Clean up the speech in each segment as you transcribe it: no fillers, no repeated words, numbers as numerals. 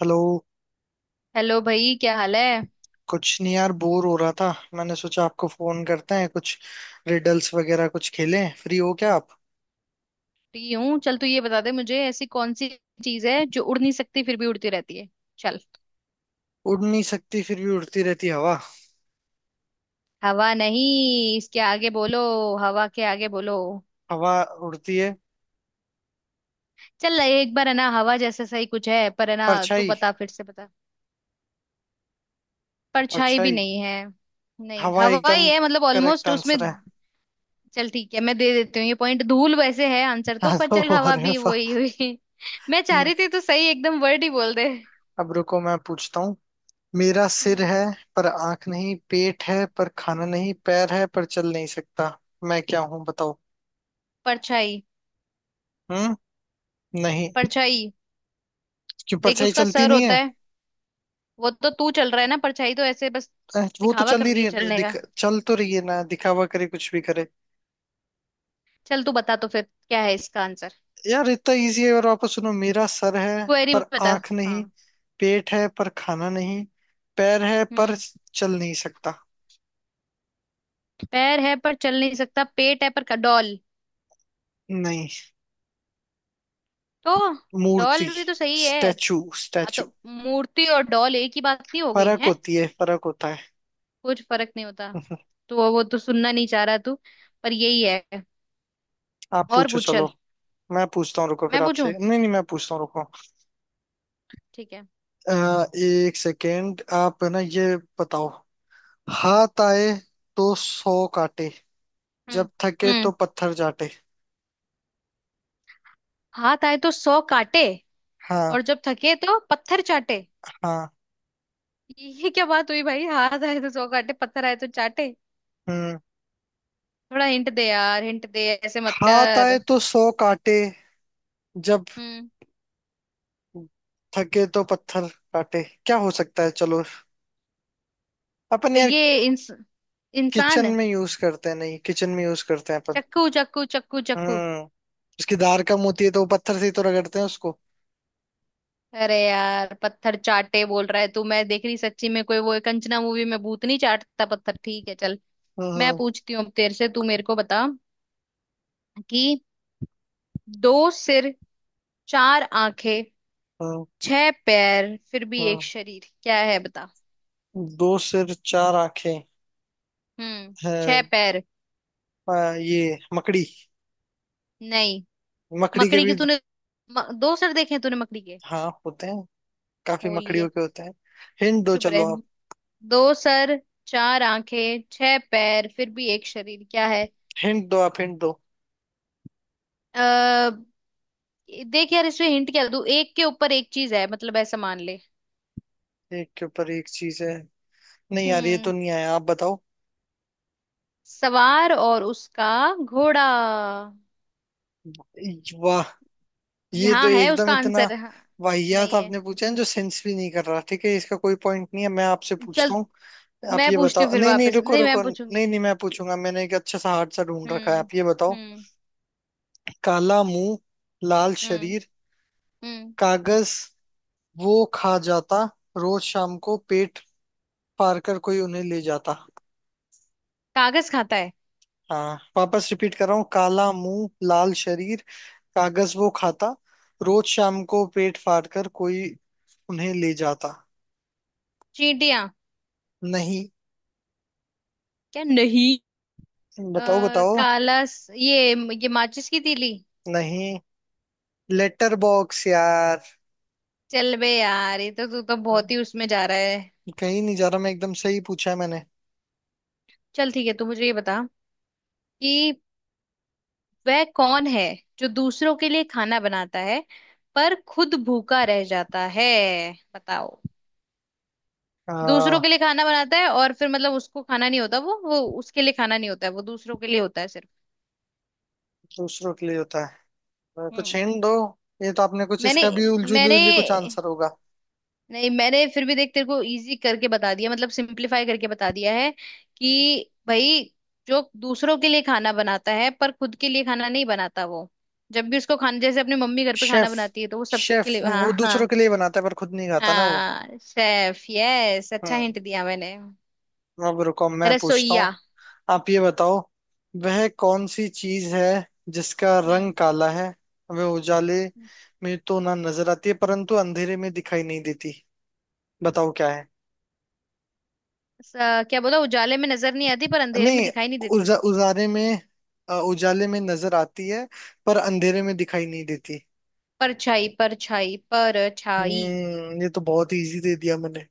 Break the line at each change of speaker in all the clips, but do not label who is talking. Hello.
Hello भाई, क्या हाल है।
कुछ नहीं यार, बोर हो रहा था। मैंने सोचा आपको फोन करते हैं, कुछ रिडल्स वगैरह कुछ खेलें। फ्री हो क्या आप?
फ्री हूँ। चल तू ये बता दे मुझे, ऐसी कौन सी चीज है जो उड़ नहीं सकती फिर भी उड़ती रहती है। चल।
उड़ नहीं सकती फिर भी उड़ती रहती हवा।
हवा नहीं, इसके आगे बोलो। हवा के आगे बोलो।
हवा उड़ती है।
चल, एक बार है ना, हवा जैसा सही कुछ है, पर है ना। तू
परछाई।
बता, फिर से बता। परछाई भी
परछाई।
नहीं है। नहीं,
हवा
हवा
एकदम
ही है मतलब,
करेक्ट
ऑलमोस्ट उसमें।
आंसर है।
चल ठीक है, मैं दे देती हूँ ये पॉइंट। धूल वैसे है आंसर तो,
हाँ,
पर चल
तो
हवा
अरे
भी वही
वाह।
हुई। मैं चाह
हम्म,
रही थी तो सही, एकदम वर्ड ही बोल दे।
अब रुको, मैं पूछता हूँ। मेरा सिर
हम्म।
है पर आंख नहीं, पेट है पर खाना नहीं, पैर है पर चल नहीं सकता। मैं क्या हूँ बताओ।
परछाई,
हम्म। नहीं।
परछाई।
क्यों?
देख,
परछाई
उसका
चलती
सर
नहीं
होता
है।
है। वो तो तू चल रहा है ना, परछाई तो ऐसे बस।
वो तो
दिखावा
चल
कर
ही
रही
रही
है
है।
चलने का।
चल तो रही है ना, दिखावा करे कुछ भी करे।
चल तू बता तो, फिर क्या है इसका आंसर।
यार इतना इजी है, और वापस सुनो। मेरा सर है
क्वेरी
पर
बता।
आंख
हाँ।
नहीं, पेट है पर खाना नहीं, पैर है पर
हम्म।
चल नहीं सकता।
पैर है पर चल नहीं सकता, पेट है पर डॉल।
नहीं।
तो।
मूर्ति।
डॉल भी तो सही है।
स्टैचू
हाँ तो
स्टैचू।
मूर्ति और डॉल एक ही बात नहीं हो गई
फर्क
है।
होती है, फर्क होता है।
कुछ फर्क नहीं होता। तो वो तो सुनना नहीं चाह रहा तू, पर यही है।
आप
और
पूछो
पूछ,
चलो।
चल।
मैं पूछता हूँ रुको,
मैं
फिर
पूछूं।
आपसे, नहीं नहीं मैं पूछता हूँ रुको।
ठीक है।
एक सेकेंड। आप है ना, ये बताओ। हाथ आए तो सौ काटे, जब
हम्म।
थके तो
हम्म।
पत्थर चाटे।
हाथ आए तो सौ काटे,
हाँ।
और जब थके तो पत्थर चाटे।
हाँ।
ये क्या बात हुई भाई, हाथ आए तो सौ काटे, पत्थर आए तो चाटे।
हम्म।
थोड़ा हिंट दे यार, हिंट दे, ऐसे मत
हाथ आए
कर।
तो सौ काटे, जब
हम्म।
थके तो पत्थर काटे, क्या हो सकता है चलो। अपन
तो
यार
ये
किचन
इंसान।
में यूज करते हैं, नहीं किचन में यूज करते हैं अपन।
चक्कू, चक्कू, चक्कू, चक्कू।
हम्म। उसकी धार कम होती है तो वो पत्थर से ही तो रगड़ते हैं उसको।
अरे यार, पत्थर चाटे बोल रहा है तू। मैं देख रही सच्ची में, कोई वो कंचना मूवी में भूत नहीं चाटता पत्थर। ठीक है चल। मैं
हम्म
पूछती हूँ अब तेरे से, तू मेरे को बता कि दो सिर, चार आंखें,
हम्म
छह पैर, फिर भी
हम्म।
एक शरीर, क्या है बता।
हम्म। दो सिर, चार आंखें
हम्म। छह
हैं।
पैर।
ये मकड़ी।
नहीं।
मकड़ी के
मकड़ी की
भी
तूने दो सर देखे हैं तूने मकड़ी के।
हाँ होते हैं। काफी
हो
मकड़ियों
लिए।
के होते हैं। हिंट दो
चुप रहे।
चलो आप,
दो सर चार आंखें, छह पैर, फिर भी एक शरीर, क्या है।
हिंट दो आप हिंट दो।
अः देख यार, इसमें हिंट क्या दूं, एक के ऊपर एक चीज है, मतलब ऐसा मान ले।
एक के ऊपर एक चीज है? नहीं यार, ये
हम्म।
तो नहीं आया, आप बताओ।
सवार और उसका घोड़ा।
वाह। ये तो
यहाँ है
एकदम
उसका
इतना
आंसर। हाँ।
वाहियात
नहीं है,
आपने पूछा है, जो सेंस भी नहीं कर रहा। ठीक है, इसका कोई पॉइंट नहीं है। मैं आपसे पूछता
चल।
हूँ। आप
मैं
ये
पूछती हूँ
बताओ,
फिर
नहीं नहीं
वापस।
रुको
नहीं, मैं
रुको,
पूछूंगी।
नहीं नहीं मैं पूछूंगा। मैंने एक अच्छा सा हार्ड सा ढूंढ रखा है,
हम्म।
आप ये बताओ।
हम्म।
काला मुंह लाल
हम्म।
शरीर,
हम्म।
कागज वो खा जाता, रोज शाम को पेट फाड़ कर कोई उन्हें ले जाता।
कागज खाता है।
हाँ वापस रिपीट कर रहा हूँ। काला मुंह लाल शरीर, कागज वो खाता, रोज शाम को पेट फाड़ कर कोई उन्हें ले जाता।
चींटियां।
नहीं।
क्या नहीं। अ,
बताओ बताओ।
काला ये माचिस की तीली।
नहीं। लेटर बॉक्स यार।
चल बे यार, ये तो तू तो बहुत ही उसमें जा रहा है।
कहीं नहीं जा रहा, मैं एकदम सही पूछा है मैंने।
चल ठीक है, तू मुझे ये बता कि वह कौन है जो दूसरों के लिए खाना बनाता है पर खुद भूखा रह जाता है। बताओ। दूसरों
आ,
के लिए खाना बनाता है और फिर मतलब उसको खाना नहीं होता, वो उसके लिए खाना नहीं होता है, वो दूसरों के लिए होता है सिर्फ।
दूसरों के लिए होता है, कुछ
हम्म।
हिंट दो। ये तो आपने कुछ
मैंने
इसका भी उलझुली
मैंने
उलझुली कुछ आंसर होगा।
नहीं, मैंने फिर भी देख तेरे को इजी करके बता दिया, मतलब सिंपलीफाई करके बता दिया है कि भाई, जो दूसरों के लिए खाना बनाता है पर खुद के लिए खाना नहीं बनाता, वो जब भी उसको खाना, जैसे अपनी मम्मी घर पे खाना
शेफ,
बनाती है तो वो
शेफ
सबके लिए। हाँ,
वो दूसरों
हाँ।
के लिए बनाता है पर खुद नहीं खाता ना वो।
हाँ, शेफ, यस। अच्छा
हम्म।
हिंट दिया मैंने।
अब रुको, मैं पूछता हूँ।
रसोइया।
आप ये बताओ, वह कौन सी चीज है जिसका रंग
हम्म।
काला है? वह उजाले में तो ना नजर आती है, परंतु अंधेरे में दिखाई नहीं देती। बताओ क्या है।
क्या बोला, उजाले में नजर नहीं आती पर अंधेरे में
नहीं।
दिखाई नहीं देती।
उजा, उजारे में उजाले में नजर आती है पर अंधेरे में दिखाई नहीं देती।
परछाई, परछाई, परछाई।
ये तो बहुत इजी दे दिया मैंने।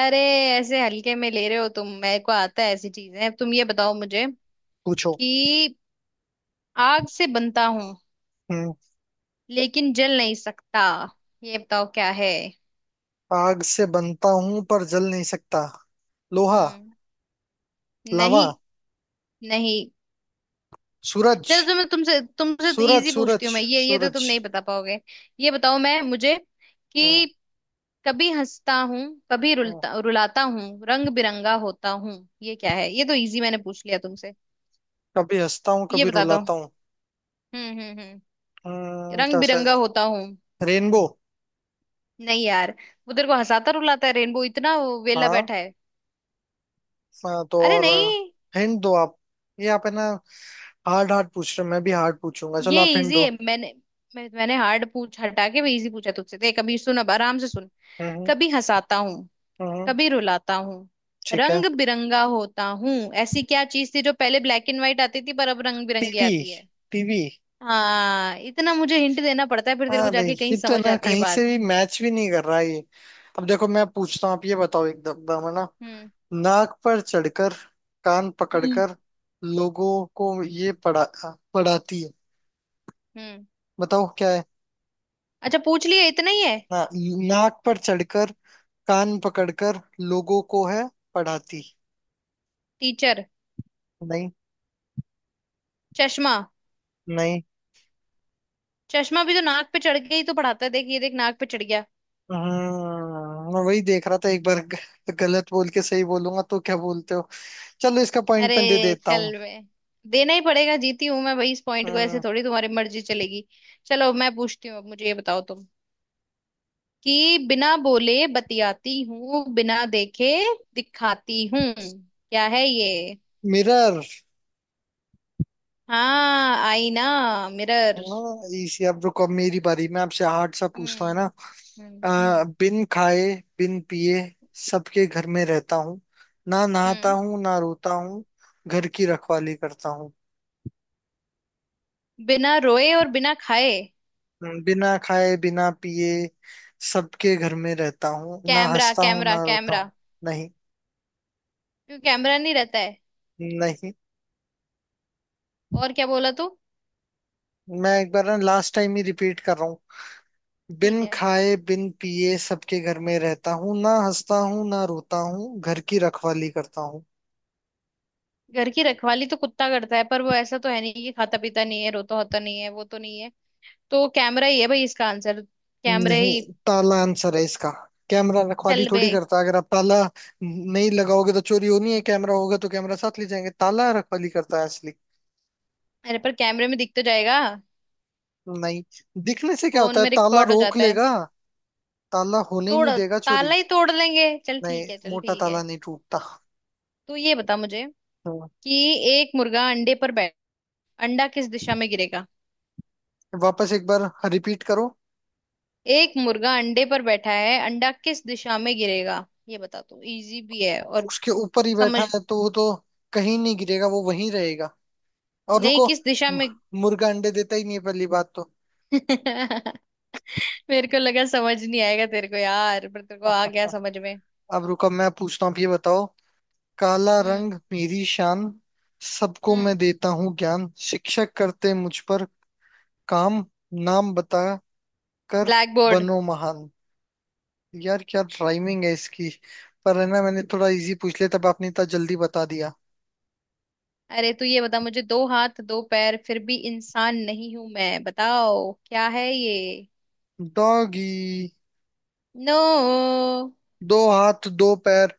अरे, ऐसे हल्के में ले रहे हो तुम, मेरे को आता है ऐसी चीजें। अब तुम ये बताओ मुझे
पूछो।
कि आग से बनता हूँ
हम्म।
लेकिन जल नहीं सकता, ये बताओ क्या है।
आग से बनता हूं पर जल नहीं सकता। लोहा।
हम्म।
लावा।
नहीं। नहीं। चलो
सूरज
तो मैं तुमसे तुमसे तो
सूरज
इजी पूछती
सूरज
हूँ मैं, ये तो तुम
सूरज।
नहीं बता पाओगे। ये बताओ मैं, मुझे
हाँ।
कि कभी हंसता हूँ, कभी
हाँ।
रुलता रुलाता हूँ, रंग बिरंगा होता हूँ। ये क्या है। ये तो इजी मैंने पूछ लिया तुमसे।
कभी हंसता हूँ,
ये
कभी
बता दो।
रुलाता हूँ।
हम्म। हम्म। हम्म। रंग
कैसे?
बिरंगा होता हूँ।
रेनबो।
नहीं यार, वो तेरे को हंसाता रुलाता है रेनबो, इतना वो वेला
हाँ।
बैठा है।
हाँ, तो
अरे
और
नहीं।
हिंट दो आप। ये आप है ना हार्ड हार्ड पूछ रहे हो, मैं भी हार्ड पूछूंगा, चलो
ये
आप हिंट
इजी
दो।
है मैंने। मैंने हार्ड पूछ हटा के भी इजी पूछा तुझसे, देख कभी। सुन, अब आराम से सुन।
हम्म
कभी हंसाता हूँ,
हम्म,
कभी रुलाता हूँ,
ठीक है।
रंग बिरंगा होता हूँ। ऐसी क्या चीज थी जो पहले ब्लैक एंड व्हाइट आती थी पर अब रंग बिरंगी
टीवी।
आती है।
टीवी।
हाँ, इतना मुझे हिंट देना पड़ता है, फिर तेरे को
अरे
जाके कहीं
ये तो है
समझ
ना,
आती है
कहीं से
बात।
भी मैच भी नहीं कर रहा है ये। अब देखो, मैं पूछता हूँ, आप ये बताओ, एकदम दम है ना।
हम्म।
नाक पर चढ़कर, कान
हम्म।
पकड़कर, लोगों को ये पढ़ा पढ़ाती है।
हम्म।
बताओ क्या है।
अच्छा, पूछ लिए इतना ही है।
ना, नाक पर चढ़कर, कान पकड़कर, लोगों को है पढ़ाती।
टीचर।
नहीं।
चश्मा।
नहीं।
चश्मा भी तो नाक पे चढ़ के ही तो पढ़ाता है, देख, ये देख, नाक पे चढ़ गया।
मैं वही देख रहा था। एक बार गलत बोल के सही बोलूंगा तो क्या बोलते हो। चलो इसका
अरे
पॉइंट मैं दे देता हूँ।
चल बे। देना ही पड़ेगा, जीती हूं मैं भाई इस पॉइंट को, ऐसे
हम्म।
थोड़ी तुम्हारी मर्जी चलेगी। चलो, मैं पूछती हूँ अब, मुझे ये बताओ तुम कि बिना बोले बतियाती हूँ, बिना देखे दिखाती हूँ, क्या है ये।
मिरर।
हाँ, आईना, मिरर।
हाँ इसी। अब रुको, अब मेरी बारी, मैं आपसे हार्ड सा पूछता हूँ है
हम्म। हम्म।
ना।
हम्म।
बिन खाए बिन पिए सबके घर में रहता हूँ, ना नहाता
हम्म।
हूँ ना रोता हूँ, घर की रखवाली करता हूँ।
बिना रोए और बिना खाए।
बिना खाए बिना पिए सबके घर में रहता हूँ, ना
कैमरा,
हंसता हूँ
कैमरा,
ना रोता
कैमरा।
हूँ। नहीं।
क्यों, कैमरा नहीं रहता है।
नहीं।
और क्या बोला तू।
मैं एक बार ना, लास्ट टाइम ही रिपीट कर रहा हूँ। बिन
ठीक है।
खाए बिन पिए सबके घर में रहता हूँ, ना हंसता हूँ ना रोता हूँ, घर की रखवाली करता हूँ।
घर की रखवाली तो कुत्ता करता है, पर वो ऐसा तो है नहीं कि खाता पीता नहीं है, रोता होता नहीं है, वो तो नहीं है। तो कैमरा ही है भाई इसका आंसर। कैमरे
नहीं।
ही।
ताला आंसर है इसका। कैमरा रखवाली
चल बे।
थोड़ी करता, अगर आप ताला नहीं लगाओगे तो चोरी होनी है। कैमरा होगा तो कैमरा साथ ले जाएंगे, ताला रखवाली करता है असली।
अरे पर कैमरे में दिख तो जाएगा।
नहीं, दिखने से क्या
फोन
होता है?
में
ताला
रिकॉर्ड हो
रोक
जाता है।
लेगा। ताला होने ही
तोड़।
नहीं देगा
ताला
चोरी।
ही तोड़ लेंगे। चल
नहीं,
ठीक है, चल
मोटा
ठीक
ताला
है।
नहीं टूटता।
तो ये बता मुझे
हाँ।
कि एक मुर्गा अंडे पर बैठ अंडा किस दिशा में गिरेगा।
वापस एक बार रिपीट करो।
एक मुर्गा अंडे पर बैठा है, अंडा किस दिशा में गिरेगा, ये बता तू। इजी भी है,
तो
और
उसके ऊपर ही बैठा
समझ।
है तो वो तो कहीं नहीं गिरेगा, वो वहीं रहेगा। और
नहीं,
रुको,
किस दिशा
मु-
में।
मुर्गा अंडे देता ही नहीं है पहली बात तो।
मेरे को लगा समझ नहीं आएगा तेरे को यार, पर तेरे को आ गया समझ में।
अब रुको, मैं पूछता हूँ, अब ये बताओ। काला रंग
हम्म।
मेरी शान, सबको
हम्म।
मैं देता हूँ ज्ञान, शिक्षक करते मुझ पर काम, नाम बता कर
ब्लैक बोर्ड।
बनो महान। यार क्या राइमिंग है इसकी। पर है ना, मैंने थोड़ा इजी पूछ लिया तब आपने इतना जल्दी बता दिया।
अरे तू ये बता मुझे, दो हाथ दो पैर फिर भी इंसान नहीं हूं मैं, बताओ क्या है ये।
डॉगी।
नो।
दो हाथ दो पैर।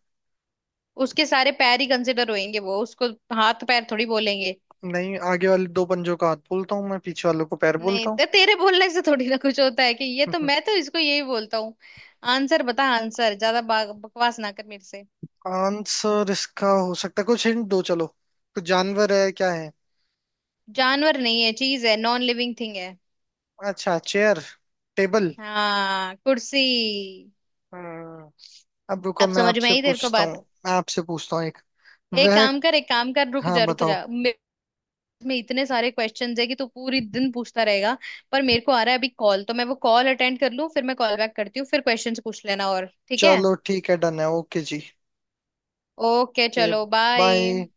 उसके सारे पैर ही कंसिडर होएंगे, वो उसको हाथ पैर थोड़ी बोलेंगे।
नहीं, आगे वाले दो पंजों का हाथ बोलता हूँ मैं, पीछे वालों को पैर
नहीं
बोलता हूँ।
तो, तेरे बोलने से थोड़ी ना कुछ होता है कि ये, तो मैं तो इसको यही बोलता हूँ। आंसर बता आंसर, ज्यादा बकवास ना कर मेरे से।
आंसर इसका हो सकता है, कुछ हिंट दो चलो। कुछ जानवर है, क्या है?
जानवर नहीं है, चीज है, नॉन लिविंग थिंग।
अच्छा, चेयर, टेबल।
हाँ, कुर्सी।
हम्म, अब रुको,
अब
मैं
समझ में
आपसे
आई तेरे को
पूछता हूँ।
बात।
मैं आपसे पूछता हूँ एक
एक
वह।
काम कर, एक काम कर, रुक
हाँ
जा, रुक
बताओ।
जा, में इतने सारे क्वेश्चंस है कि तू पूरी दिन पूछता रहेगा। पर मेरे को आ रहा है अभी कॉल, तो मैं वो कॉल अटेंड कर लूँ फिर मैं कॉल बैक करती हूँ, फिर क्वेश्चंस पूछ लेना और, ठीक है।
चलो ठीक है, डन है, ओके जी।
ओके
के।
चलो, बाय।
बाय।